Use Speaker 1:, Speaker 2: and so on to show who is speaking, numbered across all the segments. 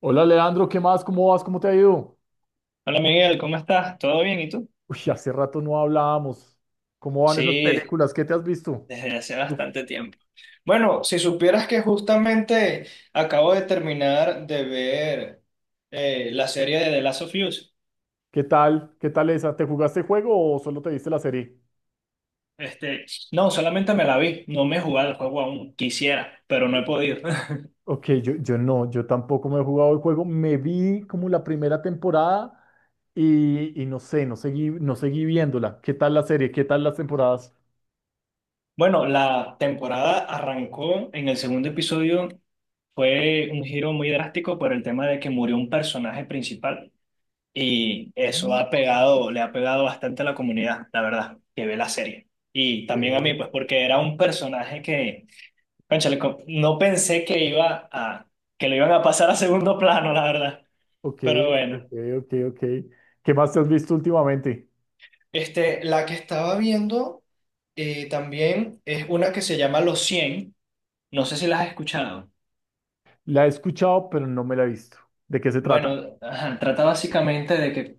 Speaker 1: Hola Leandro, ¿qué más? ¿Cómo vas? ¿Cómo te ha ido?
Speaker 2: Hola Miguel, ¿cómo estás? ¿Todo bien? ¿Y tú?
Speaker 1: Uy, hace rato no hablábamos. ¿Cómo van esas
Speaker 2: Sí,
Speaker 1: películas? ¿Qué te has visto?
Speaker 2: desde hace
Speaker 1: ¿Tú
Speaker 2: bastante tiempo. Bueno, si supieras que justamente acabo de terminar de ver la serie de The Last of Us.
Speaker 1: ¿Qué tal? ¿Qué tal esa? ¿Te jugaste el juego o solo te viste la serie?
Speaker 2: Este, no, solamente me la vi, no me he jugado el juego aún. Quisiera, pero no he podido.
Speaker 1: Ok, yo no, yo tampoco me he jugado el juego. Me vi como la primera temporada y no sé, no seguí viéndola. ¿Qué tal la serie? ¿Qué tal las temporadas?
Speaker 2: Bueno, la temporada arrancó en el segundo episodio. Fue un giro muy drástico por el tema de que murió un personaje principal. Y eso ha pegado, le ha pegado bastante a la comunidad, la verdad, que ve la serie. Y
Speaker 1: Ok,
Speaker 2: también a mí, pues porque era un personaje que, cónchale, no pensé que lo iban a pasar a segundo plano, la verdad. Pero
Speaker 1: ok,
Speaker 2: bueno.
Speaker 1: ok, ok. ¿Qué más te has visto últimamente?
Speaker 2: La que estaba viendo también es una que se llama Los cien. No sé si la has escuchado.
Speaker 1: La he escuchado, pero no me la he visto. ¿De qué se trata?
Speaker 2: Bueno, ajá, trata básicamente de que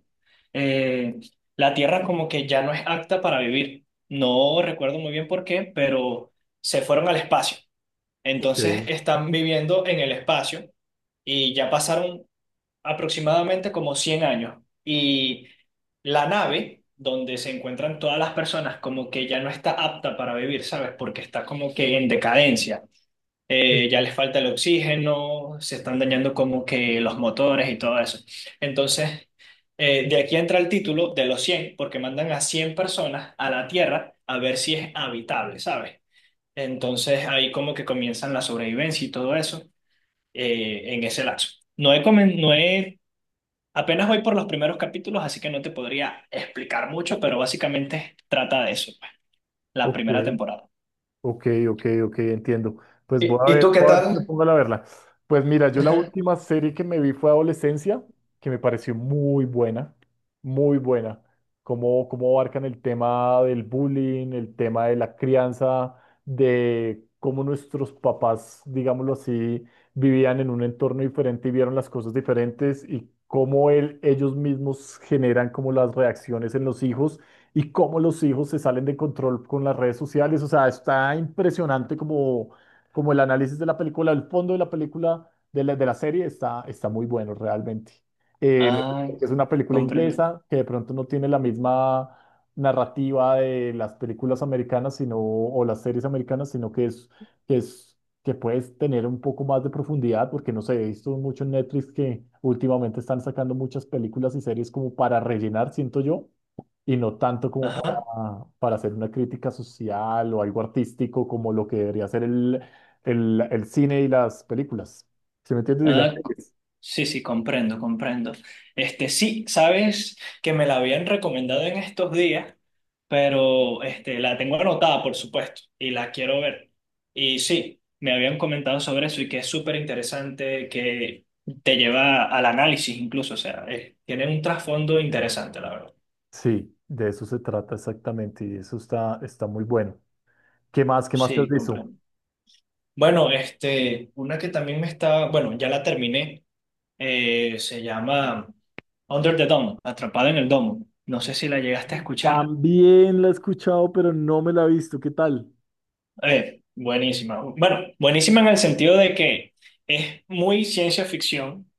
Speaker 2: eh, la tierra como que ya no es apta para vivir. No recuerdo muy bien por qué, pero se fueron al espacio.
Speaker 1: Ok,
Speaker 2: Entonces están viviendo en el espacio y ya pasaron aproximadamente como 100 años. Y la nave donde se encuentran todas las personas como que ya no está apta para vivir, ¿sabes? Porque está como que en decadencia, ya les falta el oxígeno, se están dañando como que los motores y todo eso. Entonces, de aquí entra el título de los cien porque mandan a 100 personas a la Tierra a ver si es habitable, ¿sabes? Entonces ahí como que comienzan la sobrevivencia y todo eso, en ese lapso. No he, comen- no he, apenas voy por los primeros capítulos, así que no te podría explicar mucho, pero básicamente trata de eso, pues, la
Speaker 1: ok.
Speaker 2: primera temporada.
Speaker 1: Ok, ok, ok, entiendo. Pues
Speaker 2: ¿Y, y tú qué
Speaker 1: voy a ver si me
Speaker 2: tal?
Speaker 1: pongo a verla. Pues mira, yo la
Speaker 2: Ajá.
Speaker 1: última serie que me vi fue Adolescencia, que me pareció muy buena, muy buena. Cómo abarcan el tema del bullying, el tema de la crianza, de cómo nuestros papás, digámoslo así, vivían en un entorno diferente y vieron las cosas diferentes y cómo ellos mismos generan como las reacciones en los hijos y cómo los hijos se salen de control con las redes sociales. O sea, está impresionante como el análisis de la película, el fondo de la película, de la serie, está muy bueno realmente. Eh,
Speaker 2: Ay,
Speaker 1: es una película
Speaker 2: comprendo.
Speaker 1: inglesa que de pronto no tiene la misma narrativa de las películas americanas, o las series americanas, sino que es que puedes tener un poco más de profundidad, porque no sé, he visto mucho en Netflix que últimamente están sacando muchas películas y series como para rellenar, siento yo, y no tanto como para hacer una crítica social o algo artístico como lo que debería ser el cine y las películas. ¿Sí me entiendes? Y las
Speaker 2: Ah,
Speaker 1: series.
Speaker 2: sí, sí, comprendo, comprendo. Sí, sabes que me la habían recomendado en estos días, pero la tengo anotada, por supuesto, y la quiero ver. Y sí, me habían comentado sobre eso y que es súper interesante, que te lleva al análisis incluso, o sea, tiene un trasfondo interesante, la verdad.
Speaker 1: Sí, de eso se trata exactamente y eso está muy bueno. ¿Qué más? ¿Qué más te has
Speaker 2: Sí,
Speaker 1: visto?
Speaker 2: comprendo. Bueno, una que también me está, bueno, ya la terminé. Se llama Under the Dome, Atrapada en el Domo. No sé si la llegaste a escuchar.
Speaker 1: También la he escuchado, pero no me la he visto. ¿Qué tal?
Speaker 2: Buenísima. Bueno, buenísima en el sentido de que es muy ciencia ficción,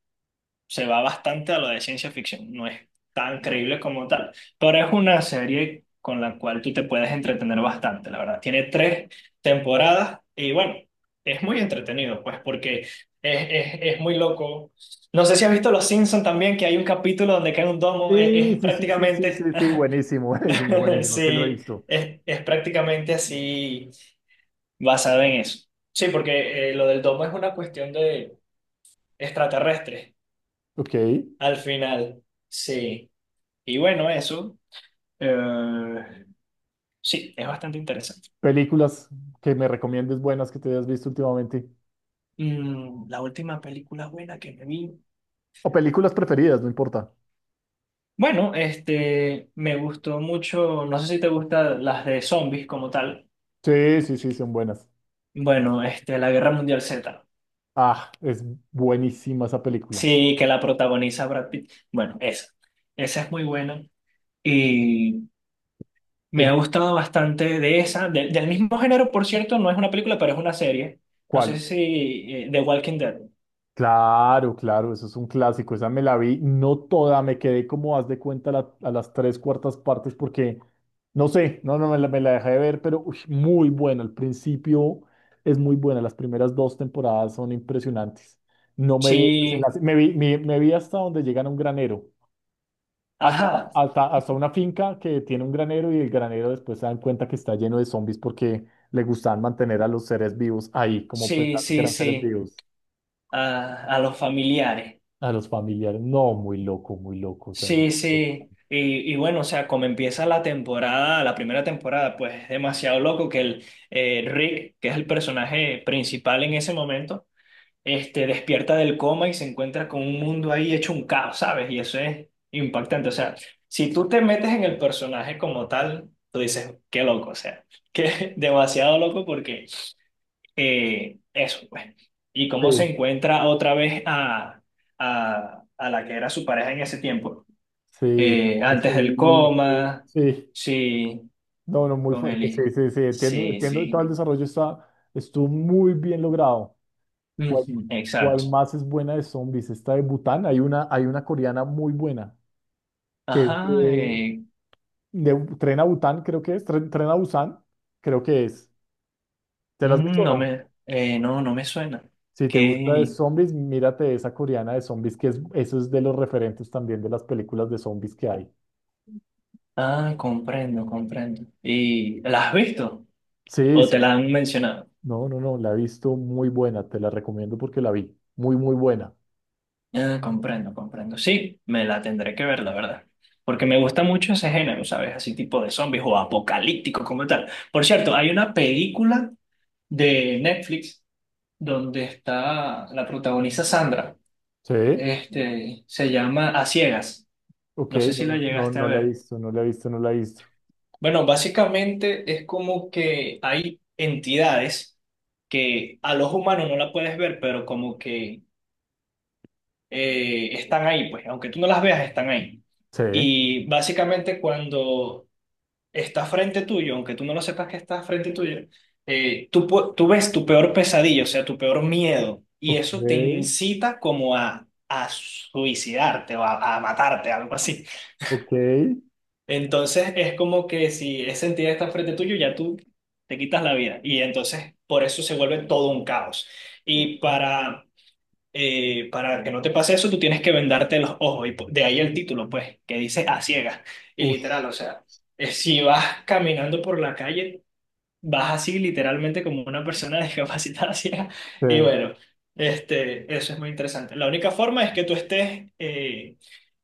Speaker 2: se va bastante a lo de ciencia ficción, no es tan creíble como tal, pero es una serie con la cual tú te puedes entretener bastante, la verdad. Tiene tres temporadas y bueno, es muy entretenido, pues porque es muy loco. No sé si has visto Los Simpson también, que hay un capítulo donde cae un domo, es
Speaker 1: Sí, sí, sí, sí, sí, sí,
Speaker 2: prácticamente,
Speaker 1: sí, buenísimo, buenísimo, buenísimo, que lo he
Speaker 2: sí,
Speaker 1: visto.
Speaker 2: es prácticamente así basado en eso. Sí, porque lo del domo es una cuestión de extraterrestres,
Speaker 1: Ok,
Speaker 2: al final, sí. Y bueno, eso, eh, sí, es bastante interesante.
Speaker 1: películas que me recomiendes buenas que te hayas visto últimamente.
Speaker 2: La última película buena que me vi.
Speaker 1: O películas preferidas, no importa.
Speaker 2: Bueno, me gustó mucho, no sé si te gustan las de zombies como tal.
Speaker 1: Sí, sí, sí, son buenas.
Speaker 2: Bueno, La Guerra Mundial Z.
Speaker 1: Ah, es buenísima esa película.
Speaker 2: Sí, que la protagoniza Brad Pitt. Bueno, esa. Esa es muy buena. Y me
Speaker 1: Es,
Speaker 2: ha gustado bastante de esa. Del mismo género, por cierto, no es una película, pero es una serie. No sé
Speaker 1: ¿Cuál?
Speaker 2: si The Walking Dead.
Speaker 1: Claro, claro, eso es un clásico. Esa me la vi, no toda, me quedé como haz de cuenta a las tres cuartas partes porque no sé, no, no me la dejé de ver, pero uy, muy buena. Al principio es muy buena, las primeras dos temporadas son impresionantes. No me vi el
Speaker 2: Sí,
Speaker 1: desenlace, me vi hasta donde llegan a un granero. Hasta,
Speaker 2: ajá.
Speaker 1: hasta una finca que tiene un granero y el granero, después se dan cuenta que está lleno de zombies porque le gustaban mantener a los seres vivos ahí, como
Speaker 2: Sí,
Speaker 1: pensando que
Speaker 2: sí,
Speaker 1: eran seres
Speaker 2: sí.
Speaker 1: vivos.
Speaker 2: A los familiares.
Speaker 1: A los familiares, no, muy loco, o sea.
Speaker 2: Sí, sí. Y bueno, o sea, como empieza la temporada, la primera temporada, pues es demasiado loco que el Rick, que es el personaje principal en ese momento, despierta del coma y se encuentra con un mundo ahí hecho un caos, ¿sabes? Y eso es impactante. O sea, si tú te metes en el personaje como tal, tú dices, qué loco, o sea, que demasiado loco porque eso, pues. Y cómo
Speaker 1: Sí,
Speaker 2: se encuentra otra vez a, la que era su pareja en ese tiempo.
Speaker 1: sí,
Speaker 2: Eh,
Speaker 1: a
Speaker 2: antes
Speaker 1: su
Speaker 2: del
Speaker 1: hijo,
Speaker 2: coma,
Speaker 1: sí,
Speaker 2: sí,
Speaker 1: no, no, muy
Speaker 2: con
Speaker 1: fuerte, sí,
Speaker 2: Eli.
Speaker 1: sí, sí, entiendo,
Speaker 2: Sí,
Speaker 1: entiendo, todo
Speaker 2: sí.
Speaker 1: el desarrollo estuvo muy bien logrado. ¿Cuál,
Speaker 2: Ujú,
Speaker 1: cuál
Speaker 2: exacto.
Speaker 1: más es buena de zombies? Esta de Bután, hay una coreana muy buena, que es
Speaker 2: Ajá,
Speaker 1: de, de Bu- Tren a Bután, creo que es. Tren a Busan, creo que es. ¿Te la has visto o no?
Speaker 2: no me suena.
Speaker 1: Si te gusta de
Speaker 2: Que,
Speaker 1: zombies, mírate esa coreana de zombies, que es, eso es de los referentes también de las películas de zombies que hay.
Speaker 2: comprendo, comprendo. ¿Y la has visto?
Speaker 1: Sí,
Speaker 2: ¿O
Speaker 1: sí,
Speaker 2: te
Speaker 1: sí.
Speaker 2: la han mencionado?
Speaker 1: No, no, no, la he visto muy buena, te la recomiendo porque la vi. Muy, muy buena.
Speaker 2: Ah, comprendo, comprendo. Sí, me la tendré que ver, la verdad. Porque me gusta mucho ese género, ¿sabes? Así tipo de zombies o apocalíptico como tal. Por cierto, hay una película de Netflix donde está, la protagoniza Sandra.
Speaker 1: Sí,
Speaker 2: Se llama A Ciegas.
Speaker 1: ok,
Speaker 2: No sé si la
Speaker 1: no, no,
Speaker 2: llegaste a
Speaker 1: no la he
Speaker 2: ver.
Speaker 1: visto, no la he visto, no la he visto.
Speaker 2: Bueno, básicamente es como que hay entidades que a los humanos no la puedes ver, pero como que están ahí, pues, aunque tú no las veas, están ahí.
Speaker 1: Sí,
Speaker 2: Y básicamente cuando está frente tuyo, aunque tú no lo sepas que está frente tuyo, tú ves tu peor pesadilla, o sea, tu peor miedo, y
Speaker 1: ok,
Speaker 2: eso te incita como a, suicidarte o a matarte, algo así.
Speaker 1: ok.
Speaker 2: Entonces es como que si esa entidad está frente tuyo, ya tú te quitas la vida. Y entonces por eso se vuelve todo un caos. Y para que no te pase eso, tú tienes que vendarte los ojos. Y de ahí el título, pues, que dice a ciegas. Y
Speaker 1: Uf,
Speaker 2: literal, o sea, si vas caminando por la calle, vas así literalmente como una persona discapacitada ciega. Y
Speaker 1: sí,
Speaker 2: bueno, eso es muy interesante. La única forma es que tú estés eh,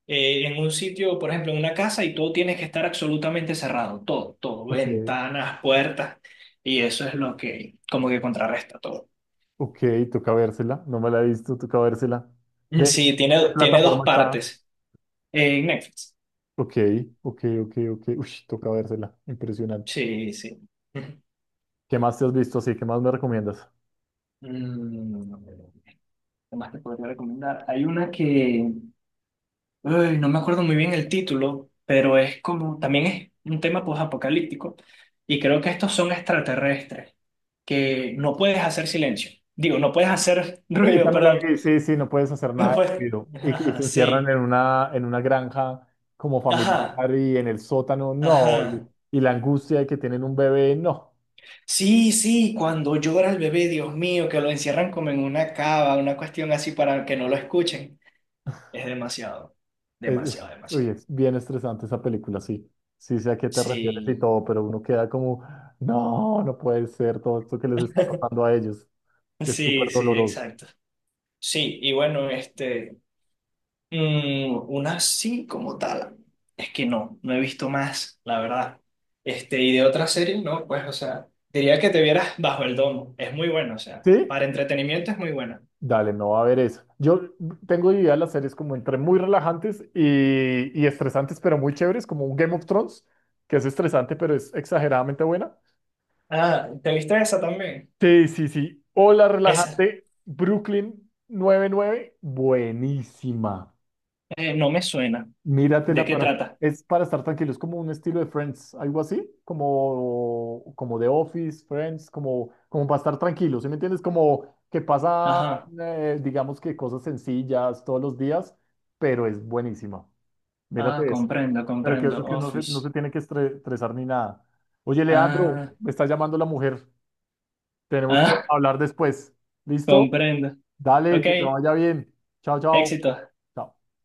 Speaker 2: eh, en un sitio, por ejemplo, en una casa, y todo tienes que estar absolutamente cerrado. Todo, todo.
Speaker 1: ok.
Speaker 2: Ventanas, puertas. Y eso es lo que como que contrarresta todo.
Speaker 1: Ok, toca vérsela. No me la he visto, toca vérsela.
Speaker 2: Mm,
Speaker 1: ¿De,
Speaker 2: sí,
Speaker 1: de
Speaker 2: tiene dos
Speaker 1: plataforma está?
Speaker 2: partes. En Netflix.
Speaker 1: Ok, ok, ok, ok. Uy, toca vérsela. Impresionante.
Speaker 2: Sí, sí. Ujú.
Speaker 1: ¿Qué más te has visto así? ¿Qué más me recomiendas?
Speaker 2: Mm, ¿Qué más te podría recomendar? Hay una que, ay, no me acuerdo muy bien el título, pero es como, también es un tema posapocalíptico, y creo que estos son extraterrestres, que no puedes hacer silencio. Digo, no puedes hacer
Speaker 1: Esa
Speaker 2: ruido,
Speaker 1: me la
Speaker 2: perdón.
Speaker 1: vi, sí, sí, no puedes hacer
Speaker 2: No
Speaker 1: nada de
Speaker 2: puedes.
Speaker 1: ruido. Y que
Speaker 2: Ajá,
Speaker 1: se encierran
Speaker 2: sí.
Speaker 1: en una, granja como
Speaker 2: Ajá,
Speaker 1: familiar y en el sótano, no.
Speaker 2: ajá.
Speaker 1: Y la angustia de que tienen un bebé, no.
Speaker 2: Sí, sí, cuando llora el bebé, Dios mío, que lo encierran como en una cava, una cuestión así para que no lo escuchen. Es demasiado,
Speaker 1: Uy,
Speaker 2: demasiado,
Speaker 1: uy,
Speaker 2: demasiado.
Speaker 1: es bien estresante esa película, sí. Sí sé a qué te refieres y
Speaker 2: Sí,
Speaker 1: todo, pero uno queda como, no, no puede ser todo esto que les está pasando a ellos. Es súper
Speaker 2: sí, sí,
Speaker 1: doloroso.
Speaker 2: exacto. Sí, y bueno, una sí como tal, es que no, no he visto más, la verdad. Y de otra serie, no, pues, o sea, diría que te vieras Bajo el Domo, es muy buena, o sea,
Speaker 1: ¿Sí?
Speaker 2: para entretenimiento es muy buena.
Speaker 1: Dale, no va a haber eso. Yo tengo idea de las series como entre muy relajantes y estresantes, pero muy chéveres, como un Game of Thrones, que es estresante, pero es exageradamente buena.
Speaker 2: Ah, ¿te viste esa también?
Speaker 1: Sí, sí, sí. Hola,
Speaker 2: Esa,
Speaker 1: relajante. Brooklyn 99, buenísima.
Speaker 2: No me suena. ¿De
Speaker 1: Míratela,
Speaker 2: qué trata?
Speaker 1: es para estar tranquilo, es como un estilo de Friends, algo así, como, The Office, Friends, como para estar tranquilo, ¿sí me entiendes? Como que pasa,
Speaker 2: Ajá,
Speaker 1: digamos, que cosas sencillas todos los días, pero es buenísima.
Speaker 2: ah,
Speaker 1: Mírate eso.
Speaker 2: comprendo,
Speaker 1: Pero que
Speaker 2: comprendo,
Speaker 1: eso, que uno no
Speaker 2: Office.
Speaker 1: se tiene que estresar ni nada. Oye, Leandro,
Speaker 2: Ah,
Speaker 1: me está llamando la mujer. Tenemos que
Speaker 2: ah,
Speaker 1: hablar después. ¿Listo?
Speaker 2: comprendo.
Speaker 1: Dale,
Speaker 2: Ok,
Speaker 1: que te vaya bien. Chao, chao.
Speaker 2: éxito.
Speaker 1: Chao.